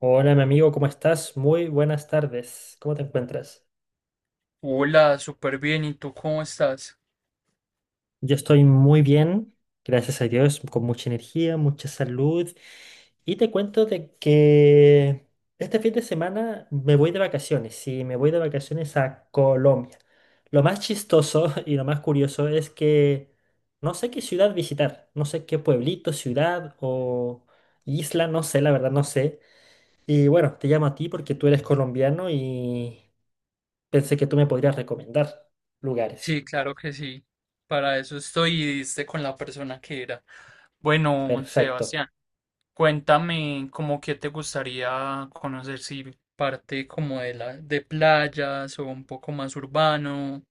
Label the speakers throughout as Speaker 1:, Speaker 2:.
Speaker 1: Hola, mi amigo, ¿cómo estás? Muy buenas tardes. ¿Cómo te encuentras?
Speaker 2: Hola, súper bien. ¿Y tú cómo estás?
Speaker 1: Yo estoy muy bien, gracias a Dios, con mucha energía, mucha salud. Y te cuento de que este fin de semana me voy de vacaciones, sí, me voy de vacaciones a Colombia. Lo más chistoso y lo más curioso es que no sé qué ciudad visitar, no sé qué pueblito, ciudad o isla, no sé, la verdad no sé. Y bueno, te llamo a ti porque tú eres colombiano y pensé que tú me podrías recomendar lugares.
Speaker 2: Sí, claro que sí. Para eso estoy y diste con la persona que era. Bueno,
Speaker 1: Perfecto.
Speaker 2: Sebastián, cuéntame cómo que te gustaría conocer si parte como de playas o un poco más urbano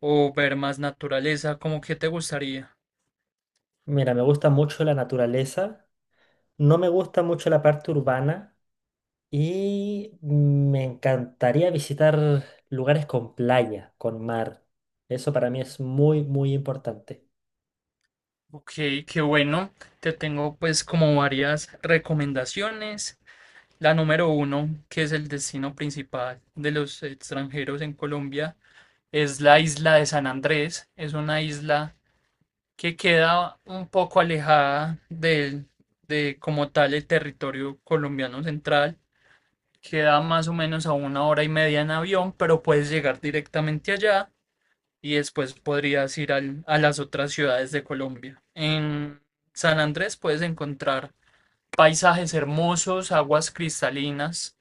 Speaker 2: o ver más naturaleza, ¿cómo que te gustaría?
Speaker 1: Mira, me gusta mucho la naturaleza, no me gusta mucho la parte urbana y me encantaría visitar lugares con playa, con mar. Eso para mí es muy, muy importante.
Speaker 2: Ok, qué bueno. Te tengo pues como varias recomendaciones. La número uno, que es el destino principal de los extranjeros en Colombia, es la isla de San Andrés. Es una isla que queda un poco alejada de como tal el territorio colombiano central. Queda más o menos a una hora y media en avión, pero puedes llegar directamente allá y después podrías ir a las otras ciudades de Colombia. En San Andrés puedes encontrar paisajes hermosos, aguas cristalinas,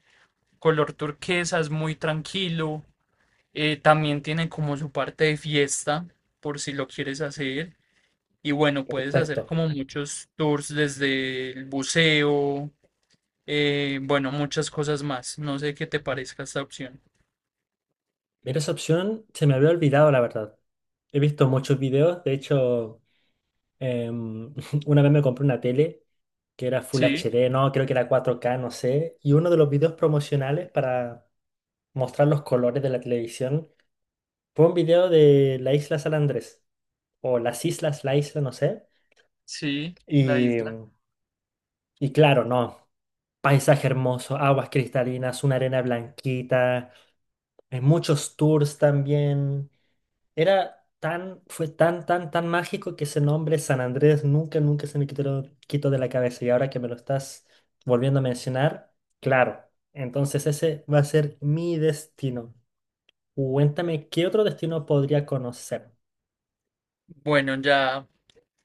Speaker 2: color turquesa, es muy tranquilo. También tiene como su parte de fiesta, por si lo quieres hacer. Y bueno, puedes hacer
Speaker 1: Perfecto.
Speaker 2: como muchos tours desde el buceo, bueno, muchas cosas más. No sé qué te parezca esta opción.
Speaker 1: Mira, esa opción se me había olvidado, la verdad. He visto muchos videos, de hecho, em, una vez me compré una tele que era Full
Speaker 2: Sí,
Speaker 1: HD, no, creo que era 4K, no sé, y uno de los videos promocionales para mostrar los colores de la televisión. Fue un video de la isla San Andrés, o las islas, la isla, no sé.
Speaker 2: sí, la
Speaker 1: Y,
Speaker 2: isla.
Speaker 1: y claro, no. Paisaje hermoso, aguas cristalinas, una arena blanquita, muchos tours también. Fue tan, tan, tan mágico que ese nombre San Andrés nunca, nunca se me quitó de la cabeza. Y ahora que me lo estás volviendo a mencionar, claro. Entonces ese va a ser mi destino. Cuéntame, ¿qué otro destino podría conocer?
Speaker 2: Bueno, ya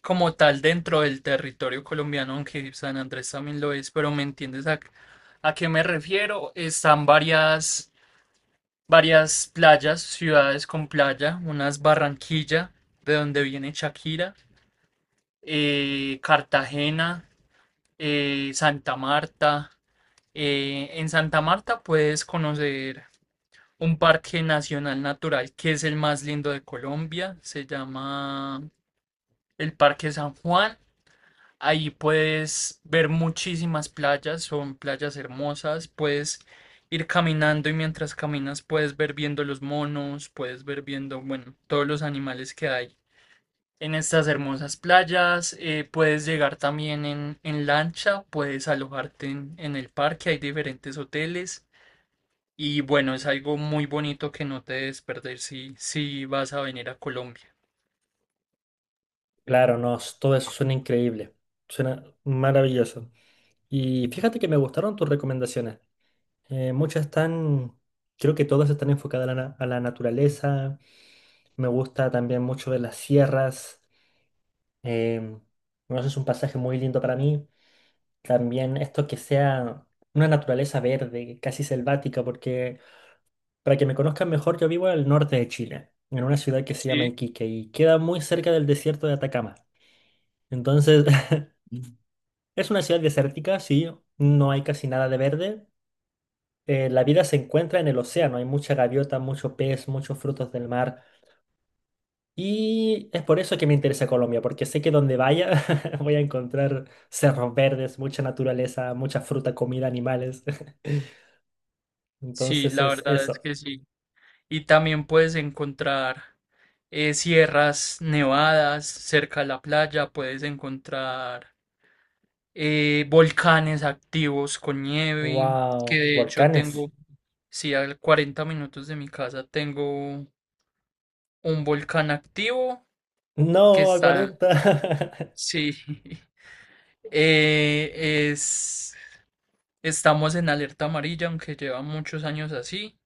Speaker 2: como tal dentro del territorio colombiano, aunque San Andrés también lo es, pero ¿me entiendes a qué me refiero? Están varias playas, ciudades con playa, unas Barranquilla, de donde viene Shakira, Cartagena, Santa Marta. En Santa Marta puedes conocer un parque nacional natural que es el más lindo de Colombia, se llama el Parque San Juan. Ahí puedes ver muchísimas playas, son playas hermosas, puedes ir caminando y mientras caminas puedes ver viendo los monos, puedes ver viendo, bueno, todos los animales que hay en estas hermosas playas, puedes llegar también en lancha, puedes alojarte en el parque, hay diferentes hoteles y bueno, es algo muy bonito que no te debes perder si vas a venir a Colombia.
Speaker 1: Claro, no, todo eso suena increíble, suena maravilloso. Y fíjate que me gustaron tus recomendaciones. Muchas están, creo que todas están enfocadas a la naturaleza. Me gusta también mucho de las sierras. em, bueno, eso es un pasaje muy lindo para mí. También esto que sea una naturaleza verde, casi selvática, porque para que me conozcan mejor, yo vivo al norte de Chile, en una ciudad que se llama
Speaker 2: Sí.
Speaker 1: Iquique y queda muy cerca del desierto de Atacama. Entonces. Es una ciudad desértica, sí, no hay casi nada de verde. La vida se encuentra en el océano, hay mucha gaviota, mucho pez, muchos frutos del mar. Y es por eso que me interesa Colombia, porque sé que donde vaya voy a encontrar cerros verdes, mucha naturaleza, mucha fruta, comida, animales.
Speaker 2: Sí,
Speaker 1: Entonces
Speaker 2: la
Speaker 1: es
Speaker 2: verdad es
Speaker 1: eso.
Speaker 2: que sí. Y también puedes encontrar sierras nevadas cerca de la playa, puedes encontrar volcanes activos con nieve, que
Speaker 1: Wow,
Speaker 2: de hecho
Speaker 1: volcanes.
Speaker 2: tengo, sí, a 40 minutos de mi casa tengo un volcán activo que
Speaker 1: No, a
Speaker 2: está,
Speaker 1: 40.
Speaker 2: sí, eh, es, estamos en alerta amarilla, aunque lleva muchos años así.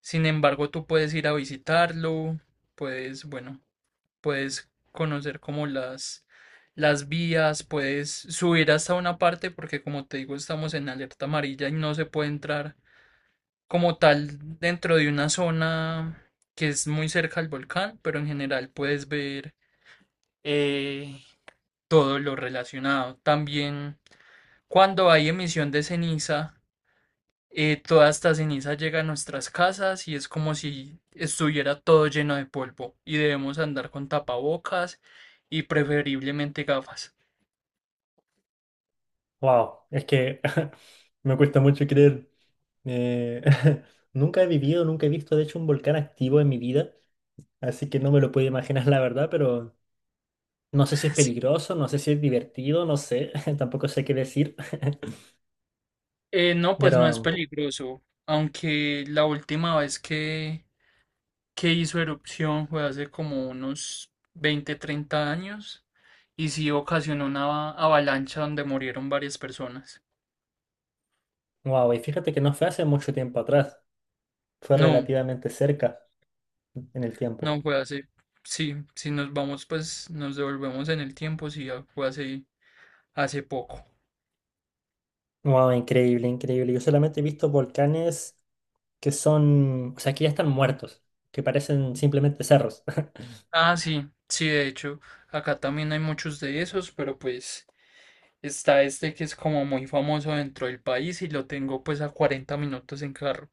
Speaker 2: Sin embargo, tú puedes ir a visitarlo, puedes, bueno. Puedes conocer como las vías, puedes subir hasta una parte porque como te digo estamos en alerta amarilla y no se puede entrar como tal dentro de una zona que es muy cerca al volcán, pero en general puedes ver eh, todo lo relacionado. También cuando hay emisión de ceniza, toda esta ceniza llega a nuestras casas y es como si estuviera todo lleno de polvo y debemos andar con tapabocas y preferiblemente gafas.
Speaker 1: Wow, es que me cuesta mucho creer. Eh, nunca he vivido, nunca he visto, de hecho, un volcán activo en mi vida. Así que no me lo puedo imaginar, la verdad, pero no sé si es
Speaker 2: Sí.
Speaker 1: peligroso, no sé si es divertido, no sé, tampoco sé qué decir.
Speaker 2: No, pues
Speaker 1: Pero,
Speaker 2: no es peligroso, aunque la última vez que hizo erupción fue hace como unos 20 30 años y sí ocasionó una avalancha donde murieron varias personas.
Speaker 1: wow, y fíjate que no fue hace mucho tiempo atrás, fue
Speaker 2: No,
Speaker 1: relativamente cerca en el tiempo.
Speaker 2: no fue hace, sí, si nos vamos pues nos devolvemos en el tiempo, sí, ya fue hace poco.
Speaker 1: Wow, increíble, increíble. Yo solamente he visto volcanes que son, o sea, que ya están muertos, que parecen simplemente cerros.
Speaker 2: Ah, sí, sí, de hecho, acá también hay muchos de esos, pero pues está este que es como muy famoso dentro del país y lo tengo pues a 40 minutos en carro.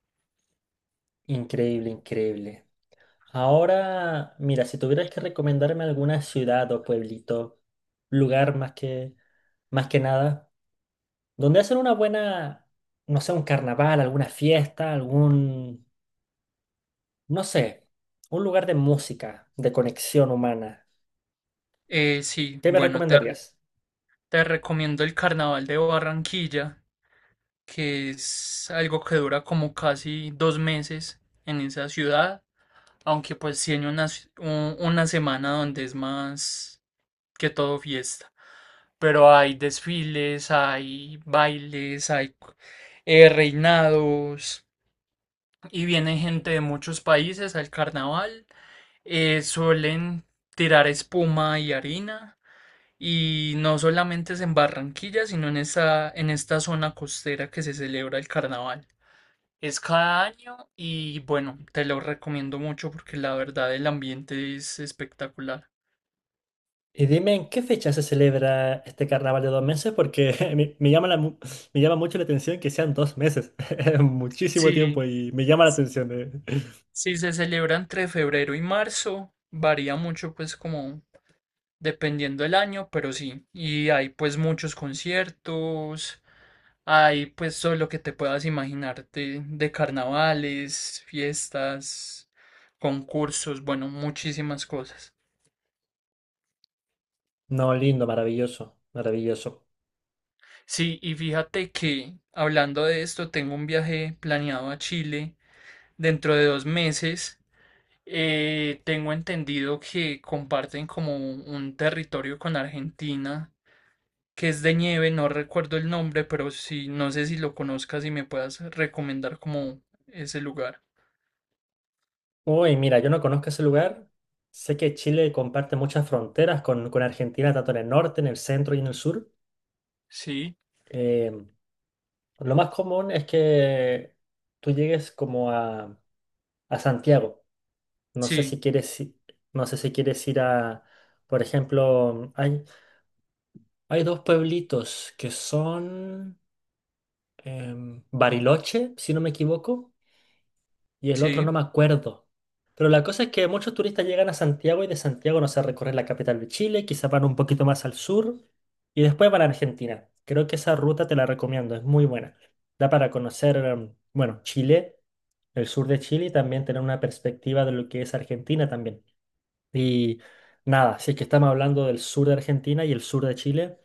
Speaker 1: Increíble, increíble. Ahora, mira, si tuvieras que recomendarme alguna ciudad o pueblito, lugar más que nada, donde hacen una buena, no sé, un carnaval, alguna fiesta, algún, no sé, un lugar de música, de conexión humana.
Speaker 2: Sí,
Speaker 1: ¿Qué me
Speaker 2: bueno, te, re-
Speaker 1: recomendarías?
Speaker 2: te recomiendo el Carnaval de Barranquilla, que es algo que dura como casi 2 meses en esa ciudad, aunque pues tiene una semana donde es más que todo fiesta. Pero hay desfiles, hay bailes, hay reinados y viene gente de muchos países al carnaval. Suelen tirar espuma y harina y no solamente es en Barranquilla, sino en esta zona costera que se celebra el carnaval. Es cada año y bueno, te lo recomiendo mucho porque la verdad el ambiente es espectacular.
Speaker 1: Y dime en qué fecha se celebra este carnaval de 2 meses, porque me llama mucho la atención que sean 2 meses. Es muchísimo tiempo
Speaker 2: Sí.
Speaker 1: y me llama la atención.
Speaker 2: Si se celebra entre febrero y marzo, varía mucho pues como dependiendo del año, pero sí, y hay pues muchos conciertos, hay pues todo lo que te puedas imaginar de carnavales, fiestas, concursos, bueno, muchísimas cosas.
Speaker 1: No, lindo, maravilloso, maravilloso.
Speaker 2: Sí, y fíjate que hablando de esto, tengo un viaje planeado a Chile dentro de 2 meses. Tengo entendido que comparten como un territorio con Argentina. Que es de nieve, no recuerdo el nombre, pero sí, no sé si lo conozcas y me puedas recomendar como ese lugar.
Speaker 1: Uy, mira, yo no conozco ese lugar. Sé que Chile comparte muchas fronteras con Argentina, tanto en el norte, en el centro y en el sur.
Speaker 2: Sí,
Speaker 1: Eh, Lo más común es que tú llegues como a Santiago. No sé
Speaker 2: sí,
Speaker 1: si quieres, i- no sé si quieres ir a, por ejemplo, hay dos pueblitos que son Bariloche, si no me equivoco, y el otro no
Speaker 2: sí.
Speaker 1: me acuerdo. Pero la cosa es que muchos turistas llegan a Santiago y de Santiago no se recorren la capital de Chile, quizás van un poquito más al sur y después van a Argentina. Creo que esa ruta te la recomiendo, es muy buena. Da para conocer, bueno, Chile, el sur de Chile y también tener una perspectiva de lo que es Argentina también. Y nada, si es que estamos hablando del sur de Argentina y el sur de Chile,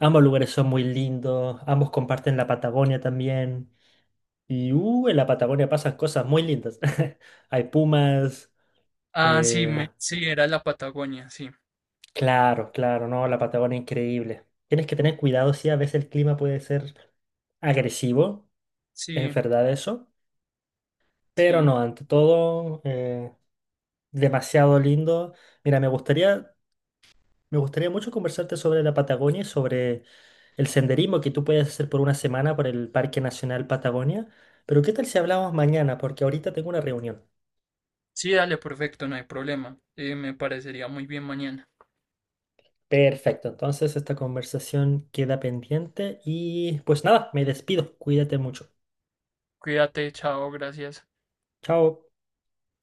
Speaker 1: ambos lugares son muy lindos, ambos comparten la Patagonia también. Y en la Patagonia pasan cosas muy lindas. Hay pumas.
Speaker 2: Ah, sí,
Speaker 1: eh,
Speaker 2: sí, era la Patagonia, sí,
Speaker 1: claro, claro, no, la Patagonia es increíble. Tienes que tener cuidado, sí, a veces el clima puede ser agresivo, es
Speaker 2: sí,
Speaker 1: verdad eso. Pero
Speaker 2: sí.
Speaker 1: no, ante todo, demasiado lindo. Mira, me gustaría mucho conversarte sobre la Patagonia y sobre el senderismo que tú puedes hacer por una semana por el Parque Nacional Patagonia. Pero ¿qué tal si hablamos mañana? Porque ahorita tengo una reunión.
Speaker 2: Sí, dale, perfecto, no hay problema. Me parecería muy bien mañana.
Speaker 1: Perfecto, entonces esta conversación queda pendiente y pues nada, me despido. Cuídate mucho.
Speaker 2: Cuídate, chao, gracias.
Speaker 1: Chao.